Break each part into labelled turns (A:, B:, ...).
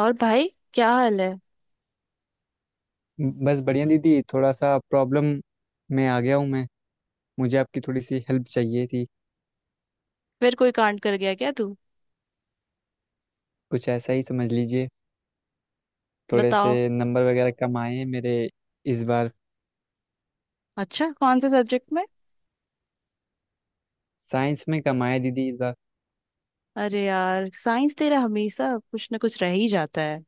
A: और भाई, क्या हाल है।
B: बस बढ़िया दीदी, थोड़ा सा प्रॉब्लम में आ गया हूँ मैं। मुझे आपकी थोड़ी सी हेल्प चाहिए थी।
A: फिर कोई कांड कर गया क्या तू।
B: कुछ ऐसा ही समझ लीजिए। थोड़े से
A: बताओ।
B: नंबर वगैरह कम आए हैं मेरे इस बार।
A: अच्छा, कौन से सब्जेक्ट में।
B: साइंस में कम आए दीदी इस बार।
A: अरे यार, साइंस तेरा हमेशा कुछ ना कुछ रह ही जाता है।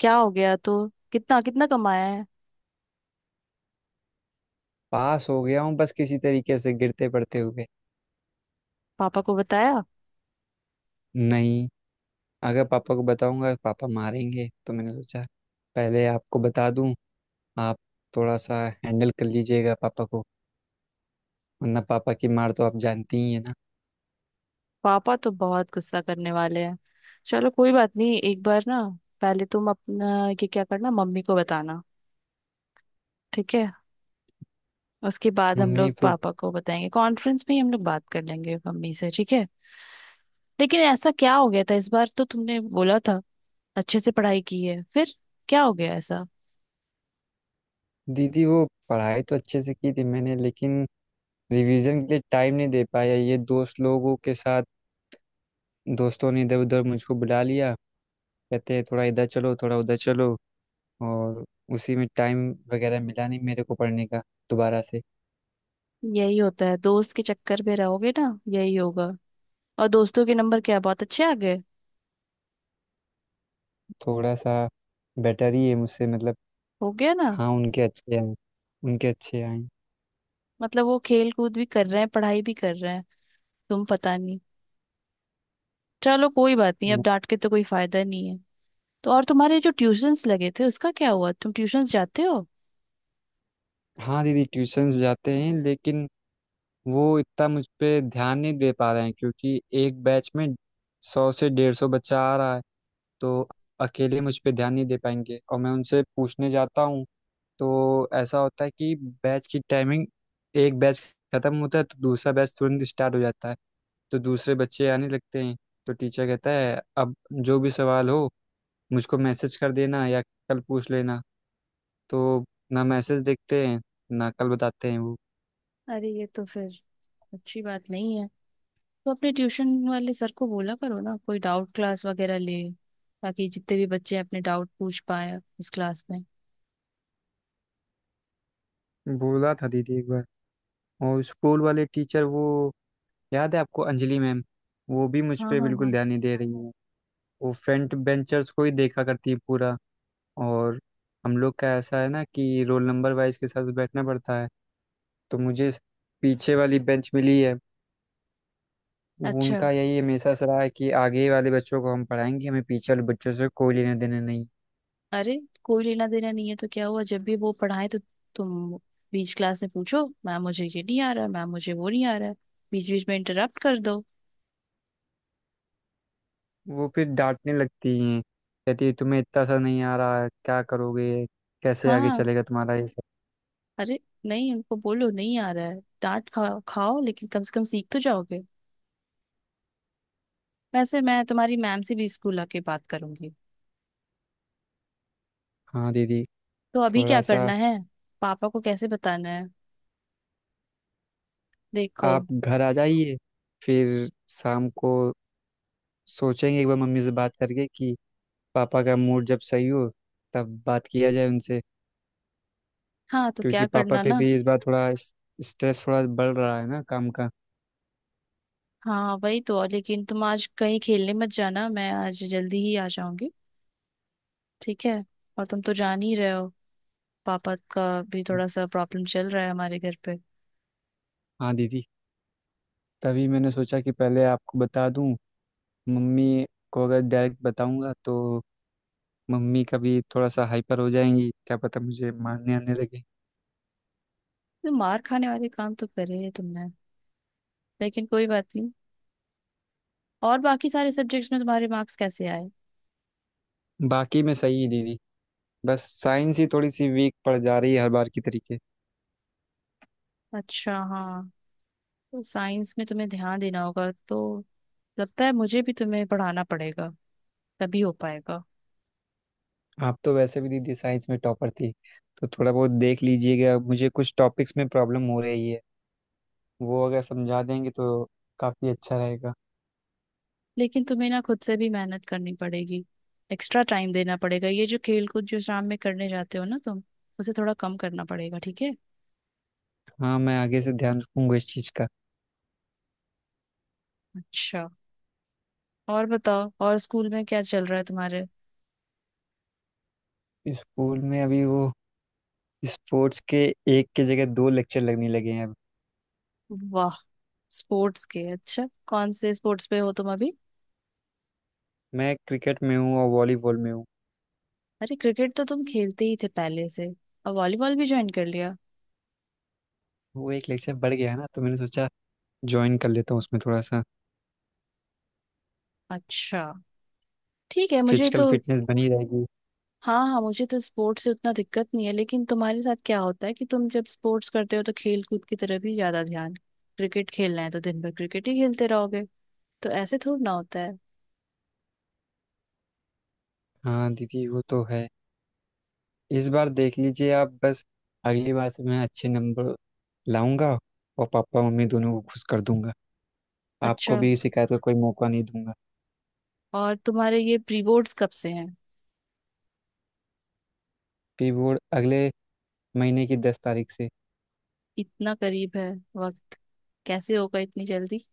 A: क्या हो गया तो। कितना कितना कमाया है।
B: पास हो गया हूँ बस किसी तरीके से गिरते पड़ते हुए।
A: पापा को बताया।
B: नहीं। अगर पापा को बताऊंगा पापा मारेंगे, तो मैंने सोचा पहले आपको बता दूं। आप थोड़ा सा हैंडल कर लीजिएगा पापा को, वरना पापा की मार तो आप जानती ही है ना।
A: पापा तो बहुत गुस्सा करने वाले हैं। चलो कोई बात नहीं, एक बार ना पहले तुम अपना ये क्या करना, मम्मी को बताना। ठीक है। उसके बाद हम
B: मम्मी
A: लोग
B: फिर?
A: पापा को बताएंगे, कॉन्फ्रेंस में ही हम लोग बात कर लेंगे मम्मी से। ठीक है। लेकिन ऐसा क्या हो गया था इस बार। तो तुमने बोला था अच्छे से पढ़ाई की है, फिर क्या हो गया ऐसा।
B: दीदी, वो पढ़ाई तो अच्छे से की थी मैंने, लेकिन रिवीजन के लिए टाइम नहीं दे पाया ये दोस्त लोगों के साथ। दोस्तों ने इधर उधर मुझको बुला लिया। कहते हैं थोड़ा इधर चलो थोड़ा उधर चलो, और उसी में टाइम वगैरह मिला नहीं मेरे को पढ़ने का दोबारा से।
A: यही होता है, दोस्त के चक्कर में रहोगे ना यही होगा। और दोस्तों के नंबर क्या बहुत अच्छे आ गए।
B: थोड़ा सा बेटर ही है मुझसे, मतलब।
A: हो गया ना।
B: हाँ, उनके अच्छे हैं। उनके अच्छे आए।
A: मतलब वो खेल कूद भी कर रहे हैं, पढ़ाई भी कर रहे हैं, तुम पता नहीं। चलो कोई बात नहीं, अब
B: मैं-
A: डांट के तो कोई फायदा नहीं है। तो और तुम्हारे जो ट्यूशंस लगे थे उसका क्या हुआ। तुम ट्यूशंस जाते हो।
B: हाँ दीदी, ट्यूशंस जाते हैं लेकिन वो इतना मुझ पे ध्यान नहीं दे पा रहे हैं क्योंकि एक बैच में 100 से 150 बच्चा आ रहा है। तो अकेले मुझ पे ध्यान नहीं दे पाएंगे, और मैं उनसे पूछने जाता हूँ तो ऐसा होता है कि बैच की टाइमिंग, एक बैच खत्म होता है तो दूसरा बैच तुरंत स्टार्ट हो जाता है, तो दूसरे बच्चे आने लगते हैं। तो टीचर कहता है अब जो भी सवाल हो मुझको मैसेज कर देना या कल पूछ लेना। तो ना मैसेज देखते हैं ना कल बताते हैं वो।
A: अरे ये तो फिर अच्छी बात नहीं है। तो अपने ट्यूशन वाले सर को बोला करो ना कोई डाउट क्लास वगैरह ले, ताकि जितने भी बच्चे अपने डाउट पूछ पाए उस क्लास में।
B: बोला था दीदी एक बार। और स्कूल वाले टीचर वो, याद है आपको अंजलि मैम? वो भी मुझ
A: हाँ
B: पर
A: हाँ
B: बिल्कुल
A: हाँ।
B: ध्यान नहीं दे रही है। वो फ्रंट बेंचर्स को ही देखा करती है पूरा। और हम लोग का ऐसा है ना कि रोल नंबर वाइज के साथ बैठना पड़ता है। तो मुझे इस पीछे वाली बेंच मिली है।
A: अच्छा।
B: उनका यही हमेशा से रहा है कि आगे वाले बच्चों को हम पढ़ाएंगे, हमें पीछे वाले बच्चों से कोई लेने देने नहीं।
A: अरे, कोई लेना देना नहीं है तो क्या हुआ, जब भी वो पढ़ाए तो तुम बीच क्लास में पूछो, मैम मुझे ये नहीं आ रहा, मैम मुझे वो नहीं आ रहा है। बीच बीच में इंटरप्ट कर दो।
B: वो फिर डांटने लगती हैं। कहती है तुम्हें इतना सा नहीं आ रहा है, क्या करोगे, कैसे आगे
A: हाँ।
B: चलेगा तुम्हारा ये सब।
A: अरे नहीं, उनको बोलो नहीं आ रहा है, डांट खाओ खाओ, लेकिन कम से कम सीख तो जाओगे। वैसे मैं तुम्हारी मैम से भी स्कूल आके बात करूंगी।
B: हाँ दीदी।
A: तो अभी क्या
B: थोड़ा सा
A: करना है। पापा को कैसे बताना है। देखो।
B: आप घर आ जाइए, फिर शाम को सोचेंगे एक बार मम्मी से बात करके कि पापा का मूड जब सही हो तब बात किया जाए उनसे।
A: हाँ तो क्या
B: क्योंकि पापा
A: करना
B: पे
A: ना।
B: भी इस बार थोड़ा स्ट्रेस थोड़ा बढ़ रहा है ना काम का।
A: हाँ वही तो, और लेकिन तुम आज कहीं खेलने मत जाना, मैं आज जल्दी ही आ जाऊंगी। ठीक है। और तुम तो जान ही रहे हो, पापा का भी थोड़ा सा प्रॉब्लम चल रहा है हमारे घर पे।
B: हाँ दीदी, तभी मैंने सोचा कि पहले आपको बता दूं। मम्मी को अगर डायरेक्ट बताऊंगा तो मम्मी कभी थोड़ा सा हाइपर हो जाएंगी, क्या पता मुझे मारने आने लगे।
A: तो मार खाने वाले काम तो करे है तुमने, लेकिन कोई बात नहीं। और बाकी सारे सब्जेक्ट्स में तुम्हारे मार्क्स कैसे आए।
B: बाकी मैं सही ही दीदी। बस साइंस ही थोड़ी सी वीक पड़ जा रही है हर बार की तरीके।
A: अच्छा, हाँ। तो साइंस में तुम्हें ध्यान देना होगा। तो लगता है मुझे भी तुम्हें पढ़ाना पड़ेगा, तभी हो पाएगा।
B: आप तो वैसे भी दीदी साइंस में टॉपर थी, तो थोड़ा बहुत देख लीजिएगा। मुझे कुछ टॉपिक्स में प्रॉब्लम हो रही है, वो अगर समझा देंगे तो काफ़ी अच्छा रहेगा।
A: लेकिन तुम्हें ना खुद से भी मेहनत करनी पड़ेगी, एक्स्ट्रा टाइम देना पड़ेगा। ये जो खेल कूद जो शाम में करने जाते हो ना तुम, उसे थोड़ा कम करना पड़ेगा। ठीक है।
B: हाँ, मैं आगे से ध्यान रखूंगा इस चीज़ का।
A: अच्छा, और बताओ और स्कूल में क्या चल रहा है तुम्हारे।
B: स्कूल में अभी वो स्पोर्ट्स के एक के जगह दो लेक्चर लगने लगे हैं अब।
A: वाह, स्पोर्ट्स के। अच्छा कौन से स्पोर्ट्स पे हो तुम अभी।
B: मैं क्रिकेट में हूँ और वॉलीबॉल में हूँ।
A: अरे, क्रिकेट तो तुम खेलते ही थे पहले से, और वॉलीबॉल भी ज्वाइन कर लिया।
B: वो एक लेक्चर बढ़ गया है ना, तो मैंने सोचा ज्वाइन कर लेता हूँ उसमें थोड़ा सा।
A: अच्छा, ठीक है, मुझे
B: फिजिकल
A: तो।
B: फिटनेस बनी रहेगी।
A: हाँ हाँ, मुझे तो स्पोर्ट्स से उतना दिक्कत नहीं है, लेकिन तुम्हारे साथ क्या होता है कि तुम जब स्पोर्ट्स करते हो तो खेल कूद की तरफ ही ज्यादा ध्यान। क्रिकेट खेलना है तो दिन भर क्रिकेट ही खेलते रहोगे। तो ऐसे थोड़ी ना होता है।
B: हाँ दीदी, वो तो है। इस बार देख लीजिए आप बस, अगली बार से मैं अच्छे नंबर लाऊंगा, और पापा मम्मी दोनों को खुश कर दूंगा।
A: अच्छा,
B: आपको भी शिकायत का कोई मौका नहीं दूंगा।
A: और तुम्हारे ये प्री बोर्ड्स कब से हैं।
B: पी बोर्ड अगले महीने की 10 तारीख से।
A: इतना करीब है वक्त। कैसे होगा इतनी जल्दी।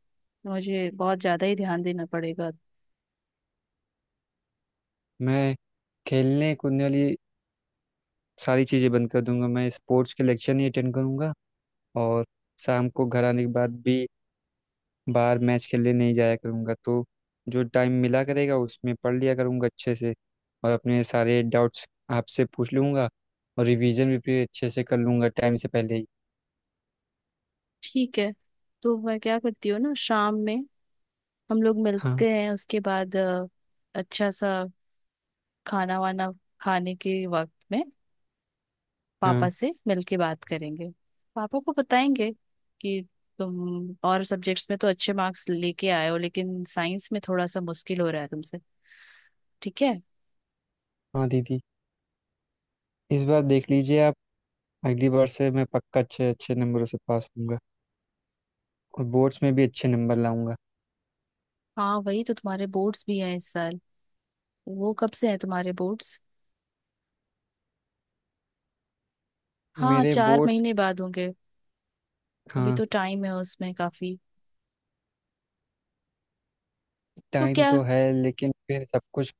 A: मुझे बहुत ज्यादा ही ध्यान देना पड़ेगा।
B: मैं खेलने कूदने वाली सारी चीज़ें बंद कर दूंगा, मैं स्पोर्ट्स के लेक्चर नहीं अटेंड करूंगा, और शाम को घर आने के बाद भी बाहर मैच खेलने नहीं जाया करूंगा, तो जो टाइम मिला करेगा उसमें पढ़ लिया करूंगा अच्छे से, और अपने सारे डाउट्स आपसे पूछ लूंगा, और रिवीजन भी फिर अच्छे से कर लूंगा टाइम से पहले ही।
A: ठीक है। तो मैं क्या करती हूँ ना, शाम में हम लोग
B: हाँ,
A: मिलते हैं, उसके बाद अच्छा सा खाना वाना, खाने के वक्त में पापा
B: हाँ,
A: से मिलके बात करेंगे। पापा को बताएंगे कि तुम और सब्जेक्ट्स में तो अच्छे मार्क्स लेके आए हो, लेकिन साइंस में थोड़ा सा मुश्किल हो रहा है तुमसे। ठीक है।
B: हाँ दीदी, इस बार देख लीजिए आप, अगली बार से मैं पक्का अच्छे अच्छे नंबरों से पास होऊंगा, और बोर्ड्स में भी अच्छे नंबर लाऊंगा।
A: हाँ, वही तो, तुम्हारे बोर्ड्स भी हैं इस साल। वो कब से हैं तुम्हारे बोर्ड्स। हाँ
B: मेरे
A: चार
B: बोर्ड्स?
A: महीने बाद होंगे। अभी
B: हाँ।
A: तो टाइम है उसमें काफी। तो
B: टाइम
A: क्या।
B: तो है लेकिन फिर सब कुछ,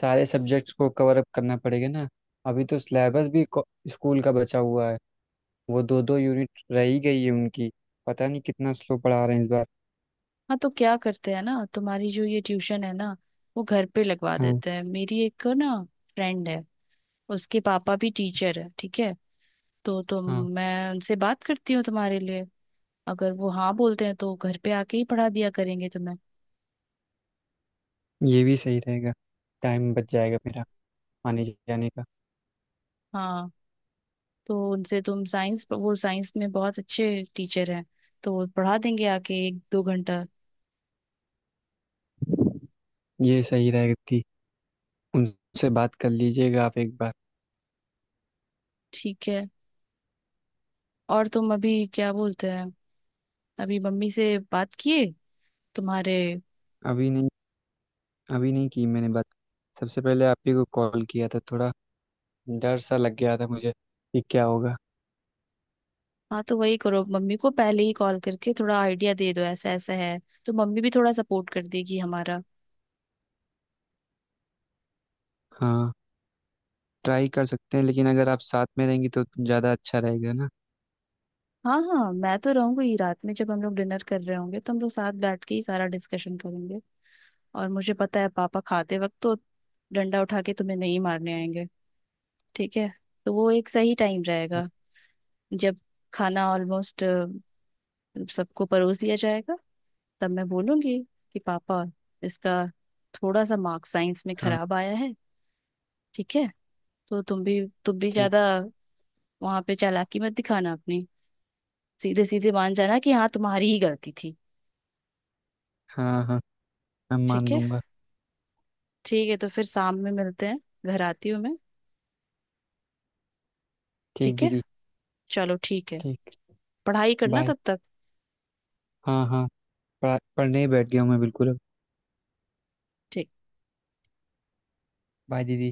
B: सारे सब्जेक्ट्स को कवर अप करना पड़ेगा ना। अभी तो सिलेबस भी स्कूल का बचा हुआ है। वो दो दो यूनिट रह ही गई है उनकी। पता नहीं कितना स्लो पढ़ा रहे हैं इस बार।
A: हाँ तो क्या करते हैं ना, तुम्हारी जो ये ट्यूशन है ना, वो घर पे लगवा
B: हाँ
A: देते हैं। मेरी एक ना फ्रेंड है, उसके पापा भी टीचर है। ठीक है। तो तुम,
B: हाँ,
A: मैं उनसे बात करती हूँ तुम्हारे लिए। अगर वो हाँ बोलते हैं तो घर पे आके ही पढ़ा दिया करेंगे तुम्हें।
B: ये भी सही रहेगा। टाइम बच जाएगा मेरा आने जाने का।
A: हाँ, तो उनसे तुम साइंस, वो साइंस में बहुत अच्छे टीचर हैं, तो वो पढ़ा देंगे आके एक दो घंटा।
B: ये सही रहेगा थी। उनसे बात कर लीजिएगा आप एक बार।
A: ठीक है। और तुम अभी क्या बोलते हैं, अभी मम्मी से बात किए तुम्हारे।
B: अभी नहीं। अभी नहीं की मैंने बात। सबसे पहले आप ही को कॉल किया था। थोड़ा डर सा लग गया था मुझे कि क्या होगा।
A: हाँ, तो वही करो, मम्मी को पहले ही कॉल करके थोड़ा आइडिया दे दो ऐसा ऐसा है, तो मम्मी भी थोड़ा सपोर्ट कर देगी हमारा।
B: हाँ, ट्राई कर सकते हैं लेकिन अगर आप साथ में रहेंगी तो ज़्यादा अच्छा रहेगा ना।
A: हाँ हाँ, मैं तो रहूंगी, रात में जब हम लोग डिनर कर रहे होंगे तो हम लोग साथ बैठ के ही सारा डिस्कशन करेंगे। और मुझे पता है पापा खाते वक्त तो डंडा उठा के तुम्हें नहीं मारने आएंगे। ठीक है। तो वो एक सही टाइम रहेगा, जब खाना ऑलमोस्ट सबको परोस दिया जाएगा, तब मैं बोलूंगी कि पापा, इसका थोड़ा सा मार्क्स साइंस में
B: हाँ।
A: खराब आया है। ठीक है। तो तुम भी
B: ठीक।
A: ज्यादा वहां पे चालाकी मत दिखाना अपनी, सीधे सीधे मान जाना कि हाँ तुम्हारी ही गलती थी।
B: हाँ हाँ, मैं मान
A: ठीक है।
B: लूँगा।
A: ठीक है, तो फिर शाम में मिलते हैं, घर आती हूँ मैं।
B: ठीक
A: ठीक है।
B: दीदी।
A: चलो ठीक है,
B: ठीक।
A: पढ़ाई करना
B: बाय।
A: तब तक।
B: हाँ हाँ, पढ़ने ही बैठ गया हूँ मैं बिल्कुल अब।
A: ठीक।
B: बाय दीदी।